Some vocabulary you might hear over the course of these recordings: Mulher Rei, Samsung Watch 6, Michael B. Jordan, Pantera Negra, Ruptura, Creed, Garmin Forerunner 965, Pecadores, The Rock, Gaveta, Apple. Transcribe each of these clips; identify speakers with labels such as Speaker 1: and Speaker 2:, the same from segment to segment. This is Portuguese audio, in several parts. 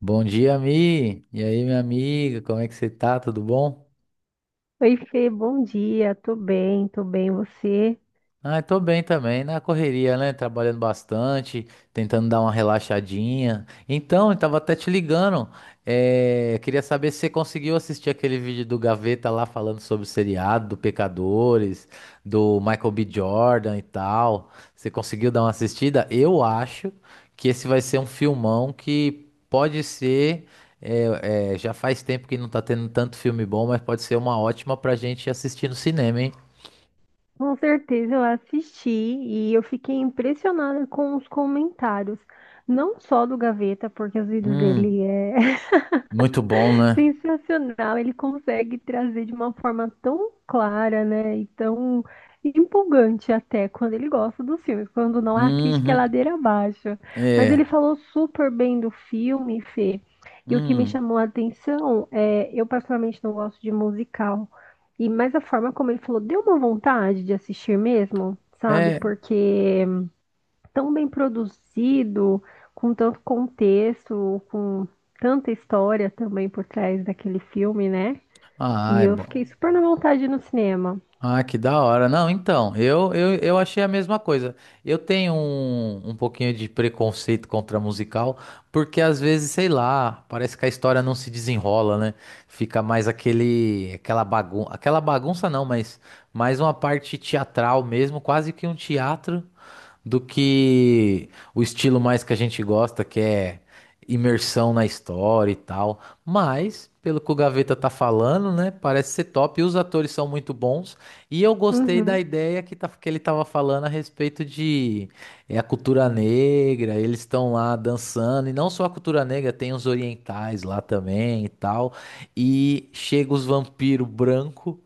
Speaker 1: Bom dia, Mi. E aí, minha amiga, como é que você tá? Tudo bom?
Speaker 2: Oi, Fê, bom dia. Tô bem. Você?
Speaker 1: Ah, tô bem também, na correria, né? Trabalhando bastante, tentando dar uma relaxadinha. Então, eu tava até te ligando. Queria saber se você conseguiu assistir aquele vídeo do Gaveta lá falando sobre o seriado, do Pecadores, do Michael B. Jordan e tal. Você conseguiu dar uma assistida? Eu acho que esse vai ser um filmão que pode ser. Já faz tempo que não tá tendo tanto filme bom, mas pode ser uma ótima pra gente assistir no cinema, hein?
Speaker 2: Com certeza eu assisti e eu fiquei impressionada com os comentários, não só do Gaveta, porque os vídeos
Speaker 1: Hum,
Speaker 2: dele é
Speaker 1: muito bom, né?
Speaker 2: sensacional, ele consegue trazer de uma forma tão clara, né? E tão empolgante até quando ele gosta dos filmes, quando não a crítica é
Speaker 1: Uhum.
Speaker 2: ladeira abaixo. Mas ele
Speaker 1: É.
Speaker 2: falou super bem do filme, Fê. E o que me
Speaker 1: Hum.
Speaker 2: chamou a atenção é, eu particularmente não gosto de musical. E mas a forma como ele falou, deu uma vontade de assistir mesmo, sabe?
Speaker 1: É.
Speaker 2: Porque tão bem produzido, com tanto contexto, com tanta história também por trás daquele filme, né?
Speaker 1: Ah,
Speaker 2: E
Speaker 1: é
Speaker 2: eu fiquei
Speaker 1: bom.
Speaker 2: super na vontade no cinema.
Speaker 1: Ah, que da hora. Não, então, eu achei a mesma coisa. Eu tenho um pouquinho de preconceito contra musical, porque às vezes, sei lá, parece que a história não se desenrola, né? Fica mais aquela bagunça não, mas mais uma parte teatral mesmo, quase que um teatro, do que o estilo mais que a gente gosta, que é imersão na história e tal. Mas, pelo que o Gaveta tá falando, né? Parece ser top. E os atores são muito bons. E eu gostei da
Speaker 2: Uhum.
Speaker 1: ideia que, tá, que ele tava falando a respeito de a cultura negra. Eles estão lá dançando. E não só a cultura negra, tem os orientais lá também e tal. E chega os vampiros branco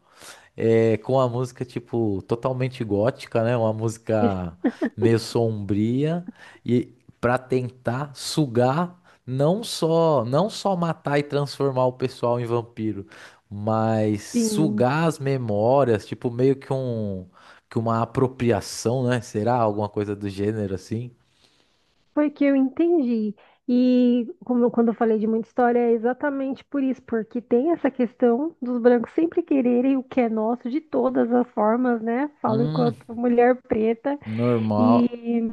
Speaker 1: é, com a música, tipo, totalmente gótica, né? Uma música meio sombria e para tentar sugar não só matar e transformar o pessoal em vampiro, mas
Speaker 2: Sim,
Speaker 1: sugar as memórias, tipo, meio que uma apropriação, né? Será alguma coisa do gênero assim?
Speaker 2: foi que eu entendi. E quando eu falei de muita história, é exatamente por isso, porque tem essa questão dos brancos sempre quererem o que é nosso de todas as formas, né? Falo
Speaker 1: Hum,
Speaker 2: enquanto mulher preta
Speaker 1: normal.
Speaker 2: e,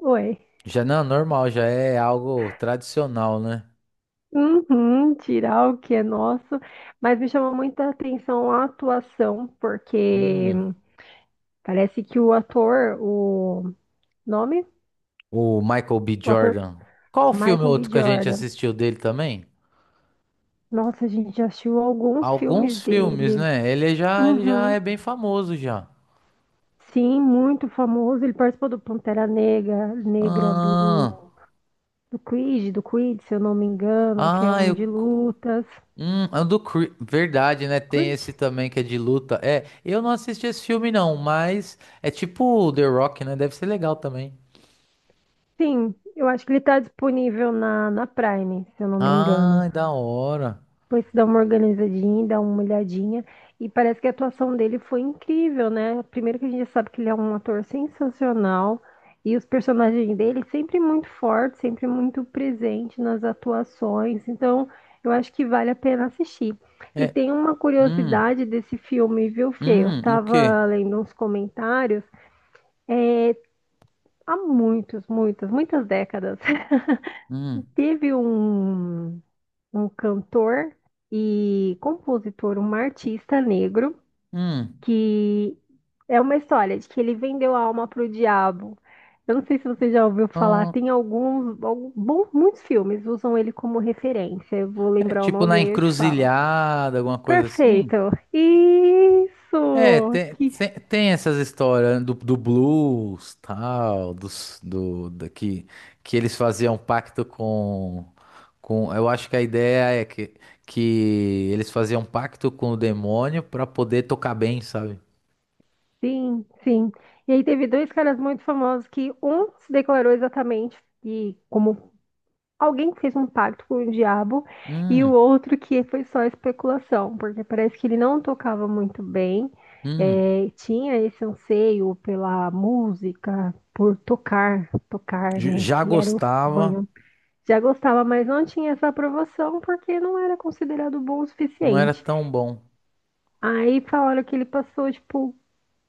Speaker 2: ué,
Speaker 1: Já não, normal, já é algo tradicional, né?
Speaker 2: uhum, tirar o que é nosso, mas me chamou muita atenção a atuação, porque
Speaker 1: Hum.
Speaker 2: parece que o ator, o nome?
Speaker 1: O Michael B.
Speaker 2: O ator
Speaker 1: Jordan. Qual filme
Speaker 2: Michael B.
Speaker 1: outro que a gente
Speaker 2: Jordan.
Speaker 1: assistiu dele também?
Speaker 2: Nossa, a gente já assistiu alguns filmes
Speaker 1: Alguns filmes,
Speaker 2: dele.
Speaker 1: né? Ele já
Speaker 2: Uhum.
Speaker 1: é bem famoso já.
Speaker 2: Sim, muito famoso. Ele participou do Pantera Negra,
Speaker 1: Ah,
Speaker 2: do Creed, se eu não me engano, que é
Speaker 1: ah,
Speaker 2: um
Speaker 1: eu,
Speaker 2: de lutas.
Speaker 1: é o do Creed, verdade, né? Tem
Speaker 2: Creed?
Speaker 1: esse também que é de luta. É, eu não assisti esse filme não, mas é tipo The Rock, né? Deve ser legal também.
Speaker 2: Sim, eu acho que ele está disponível na Prime, se eu não me engano.
Speaker 1: Ah, da hora.
Speaker 2: Depois você dá uma organizadinha, dá uma olhadinha. E parece que a atuação dele foi incrível, né? Primeiro que a gente já sabe que ele é um ator sensacional. E os personagens dele sempre muito fortes, sempre muito presente nas atuações. Então, eu acho que vale a pena assistir. E
Speaker 1: É,
Speaker 2: tem uma
Speaker 1: hum,
Speaker 2: curiosidade desse filme, viu, Fê? Eu
Speaker 1: o quê?
Speaker 2: tava lendo uns comentários há muitos, muitas décadas.
Speaker 1: Hum,
Speaker 2: Teve um cantor e compositor, um artista negro
Speaker 1: hum.
Speaker 2: que é uma história de que ele vendeu a alma para o diabo. Eu não sei se você já ouviu falar,
Speaker 1: ah,
Speaker 2: tem bom, muitos filmes usam ele como referência. Eu vou
Speaker 1: É
Speaker 2: lembrar o
Speaker 1: tipo
Speaker 2: nome e
Speaker 1: na
Speaker 2: aí eu te falo.
Speaker 1: encruzilhada, alguma coisa assim?
Speaker 2: Perfeito.
Speaker 1: É,
Speaker 2: Isso! Que
Speaker 1: tem essas histórias né, do blues, tal, dos, do, da, que eles faziam um pacto com. Eu acho que a ideia é que eles faziam um pacto com o demônio pra poder tocar bem, sabe?
Speaker 2: sim, sim. E aí teve dois caras muito famosos que um se declarou exatamente e como alguém que fez um pacto com o diabo e o
Speaker 1: Hum,
Speaker 2: outro que foi só especulação, porque parece que ele não tocava muito bem,
Speaker 1: hum.
Speaker 2: tinha esse anseio pela música, por tocar, tocar, né,
Speaker 1: Já
Speaker 2: que era o
Speaker 1: gostava,
Speaker 2: sonho. Já gostava, mas não tinha essa aprovação porque não era considerado bom o
Speaker 1: não era
Speaker 2: suficiente.
Speaker 1: tão bom.
Speaker 2: Aí falaram que ele passou, tipo,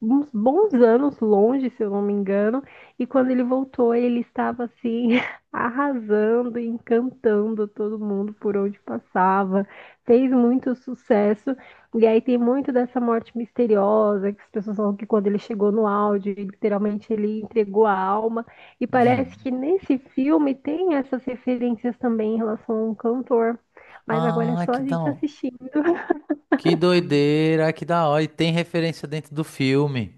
Speaker 2: uns bons anos longe, se eu não me engano, e quando ele voltou, ele estava assim arrasando, encantando todo mundo por onde passava, fez muito sucesso. E aí tem muito dessa morte misteriosa, que as pessoas falam que quando ele chegou no áudio, literalmente ele entregou a alma. E parece
Speaker 1: Uhum.
Speaker 2: que nesse filme tem essas referências também em relação a um cantor. Mas agora é
Speaker 1: Ah,
Speaker 2: só
Speaker 1: que
Speaker 2: a
Speaker 1: da,
Speaker 2: gente
Speaker 1: hora.
Speaker 2: assistir.
Speaker 1: Que doideira, que da hora. E tem referência dentro do filme.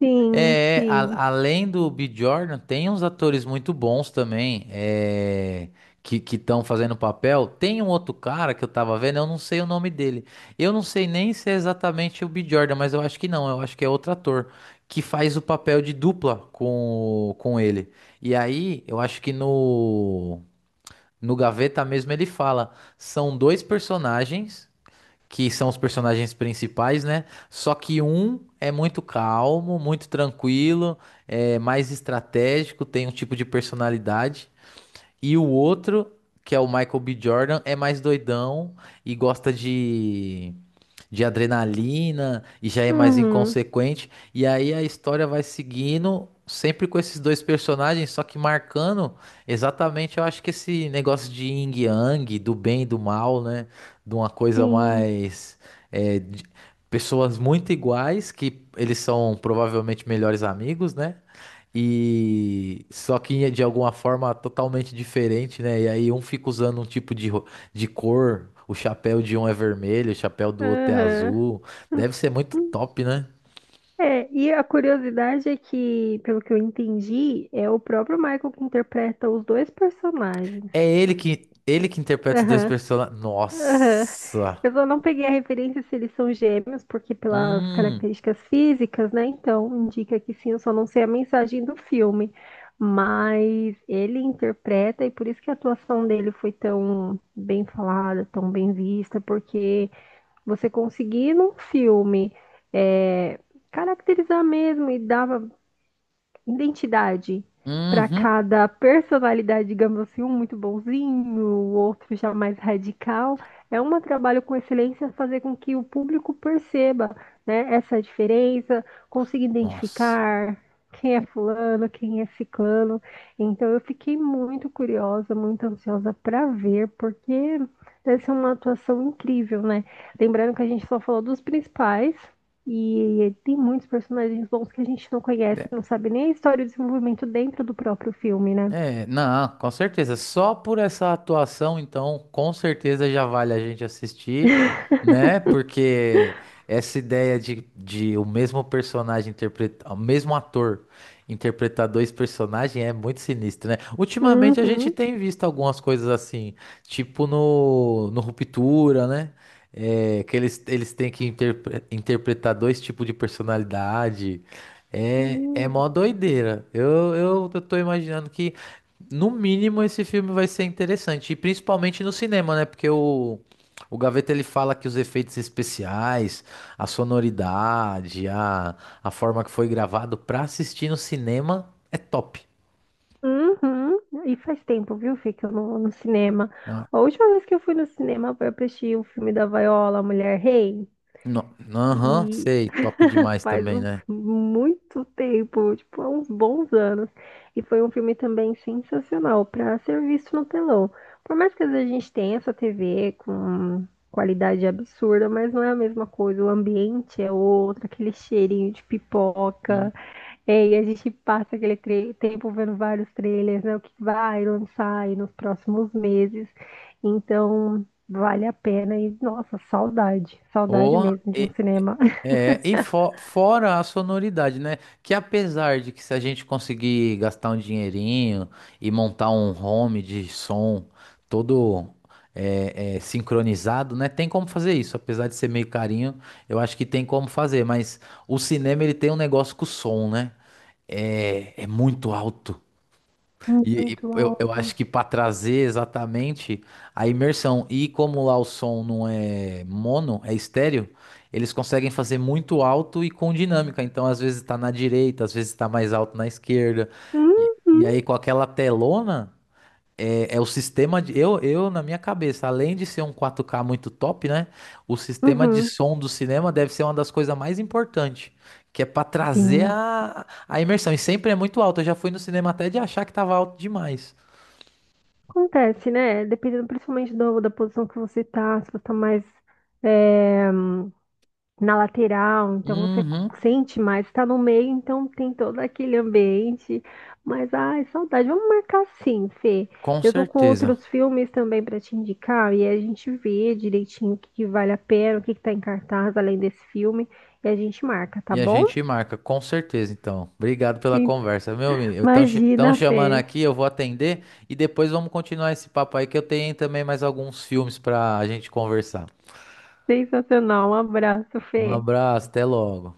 Speaker 2: Sim,
Speaker 1: É,
Speaker 2: sim.
Speaker 1: além do B. Jordan, tem uns atores muito bons também, é, que estão fazendo papel. Tem um outro cara que eu tava vendo, eu não sei o nome dele. Eu não sei nem se é exatamente o B. Jordan, mas eu acho que não, eu acho que é outro ator que faz o papel de dupla com ele. E aí, eu acho que no Gaveta mesmo ele fala, são dois personagens que são os personagens principais, né? Só que um é muito calmo, muito tranquilo, é mais estratégico, tem um tipo de personalidade, e o outro, que é o Michael B. Jordan, é mais doidão e gosta de adrenalina e já é mais
Speaker 2: Uhum,
Speaker 1: inconsequente. E aí a história vai seguindo, sempre com esses dois personagens, só que marcando exatamente, eu acho que esse negócio de yin e yang, do bem e do mal, né? De uma coisa
Speaker 2: sim.
Speaker 1: mais. é, de- Pessoas muito iguais, que eles são provavelmente melhores amigos, né? E só que de alguma forma totalmente diferente, né? E aí um fica usando um tipo de cor, o chapéu de um é vermelho, o chapéu do outro é
Speaker 2: Aham.
Speaker 1: azul. Deve ser muito top, né?
Speaker 2: É, e a curiosidade é que, pelo que eu entendi, é o próprio Michael que interpreta os dois personagens.
Speaker 1: É ele que interpreta os dois
Speaker 2: Aham,
Speaker 1: personagens.
Speaker 2: aham.
Speaker 1: Nossa.
Speaker 2: Eu só não peguei a referência se eles são gêmeos, porque pelas
Speaker 1: Hum.
Speaker 2: características físicas, né? Então, indica que sim, eu só não sei a mensagem do filme. Mas ele interpreta, e por isso que a atuação dele foi tão bem falada, tão bem vista, porque você conseguir num filme. É, caracterizar mesmo e dar identidade para
Speaker 1: Uhum.
Speaker 2: cada personalidade, digamos assim, um muito bonzinho, o outro já mais radical. É um trabalho com excelência fazer com que o público perceba, né, essa diferença, consiga
Speaker 1: Nossa.
Speaker 2: identificar quem é fulano, quem é ciclano. Então eu fiquei muito curiosa, muito ansiosa para ver, porque deve ser uma atuação incrível, né? Lembrando que a gente só falou dos principais, e tem muitos personagens bons que a gente não conhece, não sabe nem a história e o desenvolvimento dentro do próprio filme, né?
Speaker 1: É, não, com certeza. Só por essa atuação, então, com certeza já vale a gente assistir, né? Porque essa ideia de o mesmo personagem interpretar, o mesmo ator interpretar dois personagens é muito sinistro, né? Ultimamente a gente
Speaker 2: Uhum.
Speaker 1: tem visto algumas coisas assim, tipo no Ruptura, né? É, que eles têm que interpretar dois tipos de personalidade. É, é
Speaker 2: Hum.
Speaker 1: mó doideira. Eu tô imaginando que, no mínimo, esse filme vai ser interessante. E principalmente no cinema, né? Porque o Gaveta ele fala que os efeitos especiais, a sonoridade, a forma que foi gravado pra assistir no cinema é top.
Speaker 2: Uhum. E faz tempo, viu, Fê, que eu não vou no cinema.
Speaker 1: Ah,
Speaker 2: A última vez que eu fui no cinema foi pra assistir o filme da Viola, Mulher Rei.
Speaker 1: não, aham,
Speaker 2: E
Speaker 1: sei, top demais também, né?
Speaker 2: muito tempo, tipo, há uns bons anos. E foi um filme também sensacional para ser visto no telão. Por mais que às vezes a gente tenha essa TV com qualidade absurda, mas não é a mesma coisa. O ambiente é outro, aquele cheirinho de
Speaker 1: Hum.
Speaker 2: pipoca. É, e a gente passa tempo vendo vários trailers, né? O que vai lançar aí nos próximos meses. Então, vale a pena. E, nossa, saudade. Saudade
Speaker 1: Porra,
Speaker 2: mesmo de um cinema.
Speaker 1: é, e fora a sonoridade, né? Que apesar de que se a gente conseguir gastar um dinheirinho e montar um home de som todo sincronizado, né? Tem como fazer isso, apesar de ser meio carinho, eu acho que tem como fazer, mas o cinema ele tem um negócio com o som, né? É, é muito alto.
Speaker 2: Muito
Speaker 1: Eu acho
Speaker 2: alto.
Speaker 1: que para trazer exatamente a imersão, e como lá o som não é mono, é estéreo, eles conseguem fazer muito alto e com dinâmica. Então, às vezes está na direita, às vezes está mais alto na esquerda.
Speaker 2: Uhum,
Speaker 1: Aí, com aquela telona. É, é o sistema de. Na minha cabeça, além de ser um 4K muito top, né? O sistema de
Speaker 2: uhum.
Speaker 1: som do cinema deve ser uma das coisas mais importantes, que é pra trazer
Speaker 2: Sim.
Speaker 1: a imersão. E sempre é muito alto. Eu já fui no cinema até de achar que tava alto demais.
Speaker 2: Acontece, né? Dependendo principalmente da posição que você tá, se você tá mais é, na lateral, então você
Speaker 1: Uhum,
Speaker 2: sente mais, tá no meio, então tem todo aquele ambiente. Mas, ai, saudade. Vamos marcar sim, Fê.
Speaker 1: com
Speaker 2: Eu tô com
Speaker 1: certeza.
Speaker 2: outros filmes também pra te indicar, e aí a gente vê direitinho que vale a pena, que tá em cartaz além desse filme, e a gente marca, tá
Speaker 1: E a
Speaker 2: bom?
Speaker 1: gente marca, com certeza, então. Obrigado pela
Speaker 2: Sim.
Speaker 1: conversa, meu amigo. Estão
Speaker 2: Imagina,
Speaker 1: chamando
Speaker 2: Fê.
Speaker 1: aqui, eu vou atender e depois vamos continuar esse papo aí, que eu tenho também mais alguns filmes pra gente conversar.
Speaker 2: Sensacional. Um abraço,
Speaker 1: Um
Speaker 2: Fê.
Speaker 1: abraço, até logo.